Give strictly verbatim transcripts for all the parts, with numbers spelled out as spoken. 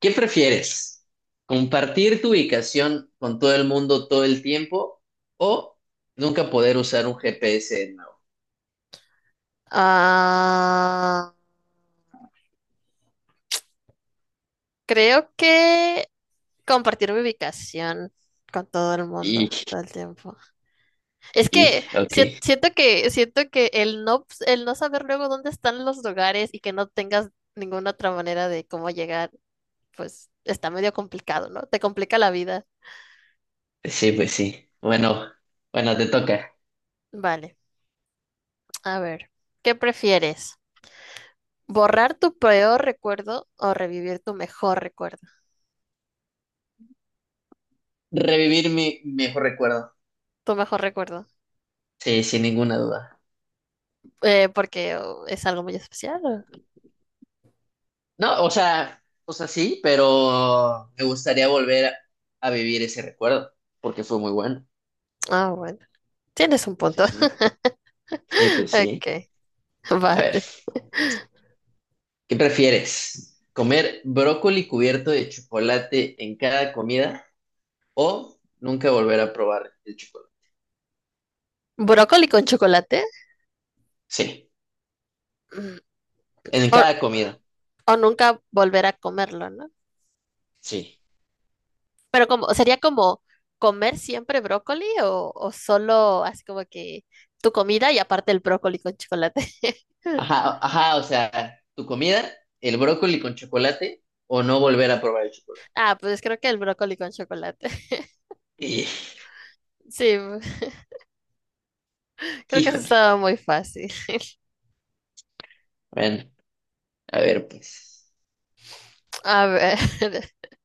¿Qué prefieres? ¿Compartir tu ubicación con todo el mundo todo el tiempo o nunca poder usar un G P S de nuevo? Ah, creo que compartir mi ubicación con todo el mundo Y, todo el tiempo. Es y, que ok. si- siento que siento que el no el no saber luego dónde están los lugares y que no tengas ninguna otra manera de cómo llegar, pues está medio complicado, ¿no? Te complica la vida. Sí, pues sí. Bueno, bueno, te toca. Vale, a ver, ¿qué prefieres? ¿Borrar tu peor recuerdo o revivir tu mejor recuerdo? Revivir mi mejor recuerdo. Tu mejor recuerdo. Sí, sin ninguna duda. Eh, porque, oh, es algo muy especial, ¿o? No, o sea, o sea, sí, pero me gustaría volver a, a vivir ese recuerdo porque fue muy bueno. Ah, bueno. Tienes un Sí, punto. sí. Sí, pues sí. Ok, A ver. vale. ¿Qué prefieres? ¿Comer brócoli cubierto de chocolate en cada comida o nunca volver a probar el chocolate? ¿Brócoli con chocolate? Sí, Mm. en O, cada comida, o nunca volver a comerlo, ¿no? sí. Pero como, ¿sería como comer siempre brócoli o, o solo así como que tu comida y aparte el brócoli con chocolate? Ajá, ajá, o sea, tu comida, el brócoli con chocolate o no volver a probar el chocolate. Ah, pues creo que el brócoli con chocolate. Y, Sí, creo que eso híjole, estaba muy fácil. bueno, a ver pues. A ver,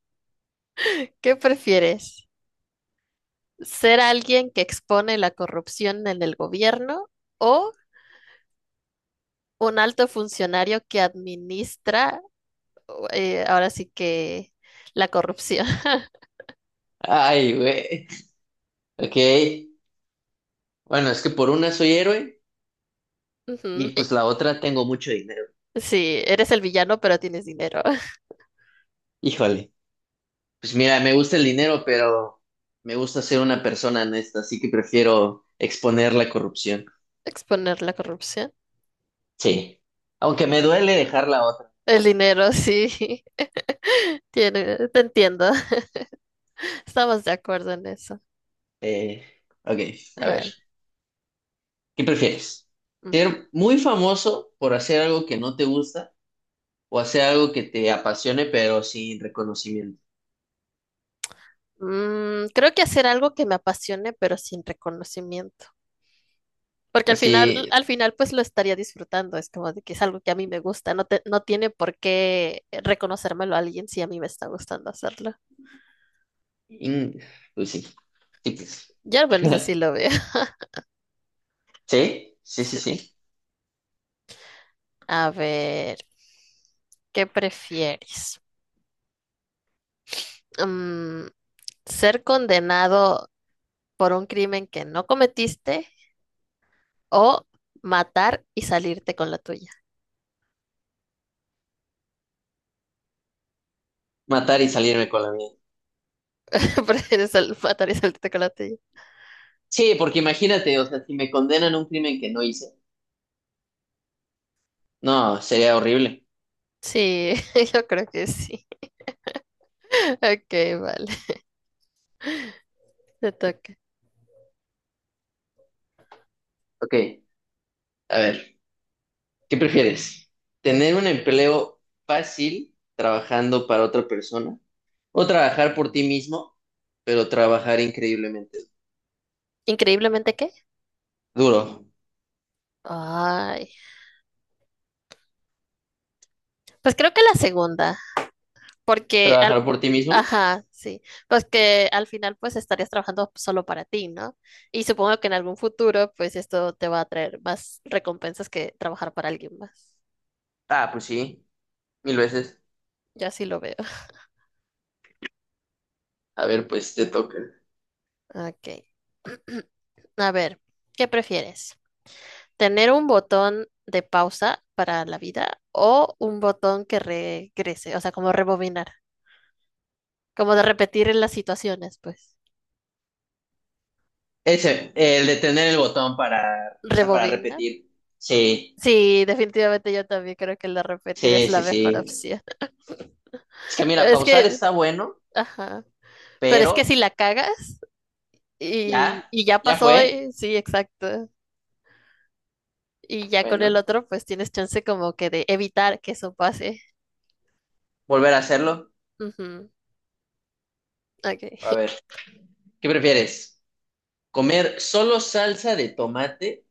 ¿qué prefieres? ¿Ser alguien que expone la corrupción en el gobierno o un alto funcionario que administra, eh, ahora sí que, la corrupción? Ay, güey. Ok, bueno, es que por una soy héroe y Ujú, y- pues la otra tengo mucho dinero. sí, eres el villano, pero tienes dinero. Híjole. Pues mira, me gusta el dinero, pero me gusta ser una persona honesta, así que prefiero exponer la corrupción. Exponer la corrupción. Sí, aunque me Mm. duele dejar la otra. El dinero, sí. Tiene, te entiendo. Estamos de acuerdo en eso. Eh, ok, a ver, Vale. ¿qué prefieres? Ujú. ¿Ser muy famoso por hacer algo que no te gusta o hacer algo que te apasione pero sin reconocimiento? Mm, creo que hacer algo que me apasione, pero sin reconocimiento. Porque al final, Así, al final, pues lo estaría disfrutando. Es como de que es algo que a mí me gusta. No te- no tiene por qué reconocérmelo a alguien si a mí me está gustando hacerlo. in- pues sí, sí, pues. Ya al menos así lo veo. Sí, sí, sí, sí. A ver, ¿qué prefieres? Mm, ¿Ser condenado por un crimen que no cometiste o matar y salirte con la tuya? Matar y salirme con la mía. ¿Prefieres sal- matar y salirte con la tuya? Sí, porque imagínate, o sea, si me condenan a un crimen que no hice. No, sería horrible. Sí, yo creo que sí. Ok, vale, te toca. Ok, a ver, ¿qué prefieres? ¿Tener un empleo fácil trabajando para otra persona o trabajar por ti mismo, pero trabajar increíblemente ¿Increíblemente qué? duro? Ay, pues creo que la segunda. Porque al, ¿Trabajar por ti mismo? ajá, sí, pues que al final pues estarías trabajando solo para ti, ¿no? Y supongo que en algún futuro pues esto te va a traer más recompensas que trabajar para alguien más. Ah, pues sí, mil veces. Yo así lo veo. A ver, pues te toca. Ok. A ver, ¿qué prefieres? ¿Tener un botón de pausa para la vida o un botón que regrese? O sea, como rebobinar, como de repetir en las situaciones, pues. Ese, el de tener el botón para, o sea, para ¿Rebobinar? repetir. Sí, Sí, definitivamente yo también creo que la repetir es sí, la sí, mejor sí. opción. Es que mira, Es pausar que, está bueno, ajá. Pero es que si pero la cagas y, ya, y ya ya pasó, fue. eh, sí, exacto. Y ya con el Bueno, otro, pues tienes chance como que de evitar que eso pase. volver a hacerlo. Ujú. Okay. A ver. ¿Qué prefieres? ¿Comer solo salsa de tomate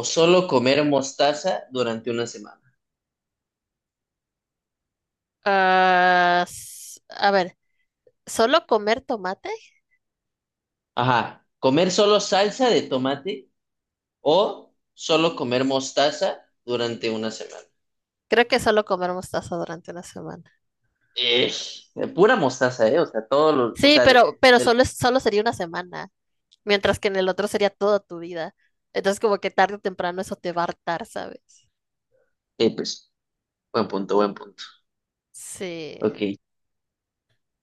o solo comer mostaza durante una semana? Ah, s- a ver, ¿solo comer tomate? Ajá, ¿comer solo salsa de tomate o solo comer mostaza durante una semana? Creo que solo comer mostaza durante una semana. Ish, de pura mostaza, ¿eh? O sea, todos los, o Sí, sea, de, pero, pero de- solo, es- solo sería una semana, mientras que en el otro sería toda tu vida. Entonces, como que tarde o temprano eso te va a hartar, ¿sabes? eh, pues, buen punto, buen punto. Sí. Ok,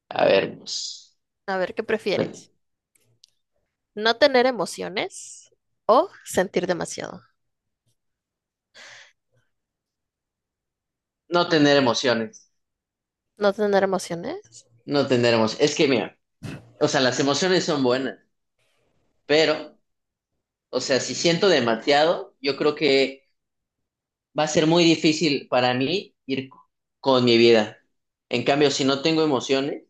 a ver, pues, A ver, ¿qué ven, prefieres? No tener emociones o sentir demasiado. no tener emociones, No tener emociones. no tener emociones. Es que, mira, o sea, las emociones son buenas, pero, o sea, si siento demasiado, yo creo que va a ser muy difícil para mí ir c- con mi vida. En cambio, si no tengo emociones,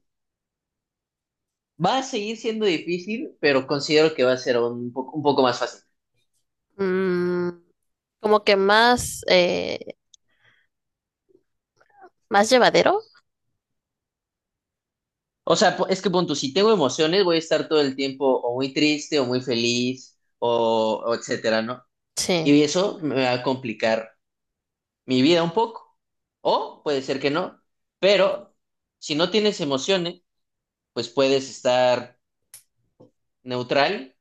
va a seguir siendo difícil, pero considero que va a ser un poco, un poco más fácil. mm, Como que más, eh, más llevadero. O sea, po- es que punto, si tengo emociones, voy a estar todo el tiempo o muy triste o muy feliz o, o etcétera, ¿no? Sí. Y eso me va a complicar mi vida un poco. O puede ser que no, pero si no tienes emociones, pues puedes estar neutral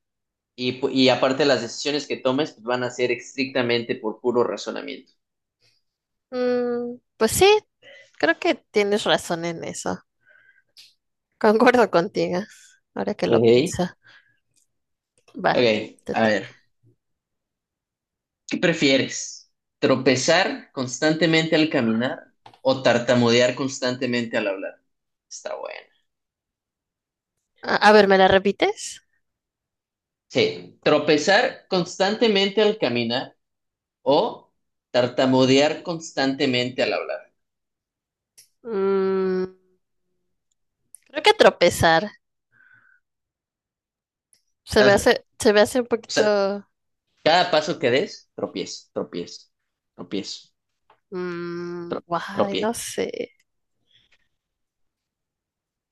Y, pu- y aparte las decisiones que tomes pues, van a ser estrictamente por puro razonamiento. Mm, pues sí, creo que tienes razón en eso. Concuerdo contigo. Ahora que lo Ok. pienso. Va, Ok, te a ver, toca. ¿qué prefieres? ¿Tropezar constantemente al caminar o tartamudear constantemente al hablar? Está bueno. A, a ver, ¿me la repites? Sí, tropezar constantemente al caminar o tartamudear constantemente al hablar. Mm, Creo que tropezar. Se me Haz- hace, se me hace un O sea, poquito. cada paso que des, tropiezo, tropiezo, tropiezo, mm, tro- Guay, tropiezo. no sé.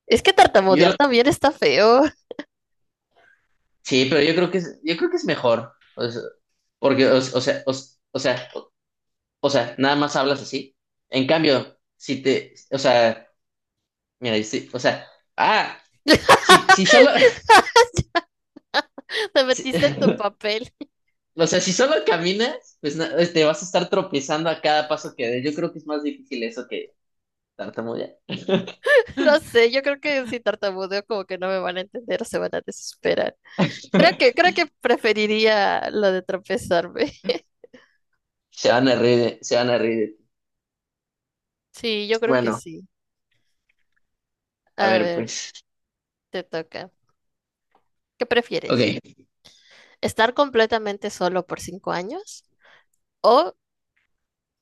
Es que tartamudear Yo, también está feo. Sí, pero yo creo que es, yo creo que es mejor. O sea, porque, o, o sea, o, o sea, o, o sea, nada más hablas así. En cambio, si te, o sea, mira, sí, o sea, ah, si, si solo, Te si- metiste en tu papel. o sea, si solo caminas, pues na- eh, te vas a estar tropezando a cada paso que des. Yo creo que es más difícil eso que tartamudear. No sé, yo creo que si tartamudeo como que no me van a entender o se van a desesperar. Creo que, creo que preferiría lo de tropezarme. Se van a reír, de- se van a reír. De ti. Sí, yo creo que Bueno, sí. a A ver, ver, pues, te toca. ¿Qué prefieres? ok. ¿Estar completamente solo por cinco años o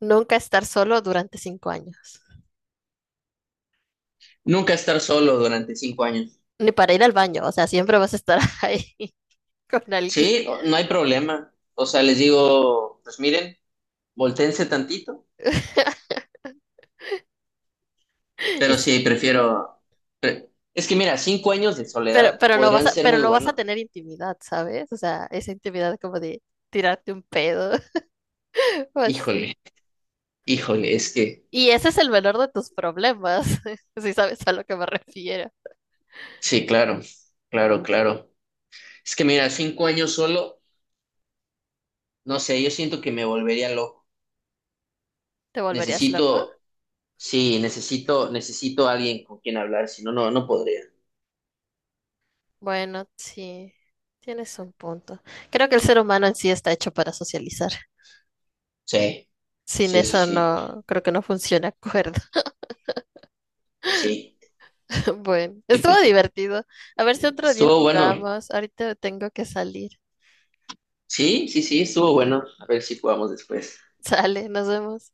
nunca estar solo durante cinco años? Nunca estar solo durante cinco años. Ni para ir al baño, o sea, siempre vas a estar ahí con alguien. Sí, no no hay problema. O sea, les digo, pues miren, voltéense tantito, Y pero s- sí, prefiero... pre- Es que mira, cinco años de pero, soledad pero no vas podrían a, ser pero muy no vas a buenos. tener intimidad, ¿sabes? O sea, esa intimidad como de tirarte un pedo. Pues sí. Híjole, híjole, es que. Y ese es el menor de tus problemas, si sabes a lo que me refiero. Sí, claro, claro, claro. Es que mira, cinco años solo, no sé, yo siento que me volvería loco. ¿Te volverías loco? Necesito, sí, necesito, necesito a alguien con quien hablar, si no, no, no podría. Bueno, sí, tienes un punto. Creo que el ser humano en sí está hecho para socializar. Sí, Sin sí, sí, eso sí, no, creo que no funciona acuerdo. sí. Bueno, Sí, pues estuvo sí. divertido. A ver si otro día Estuvo bueno, jugamos. Ahorita tengo que salir. Sí, sí, sí, estuvo bueno. A ver si jugamos después. Sale, nos vemos.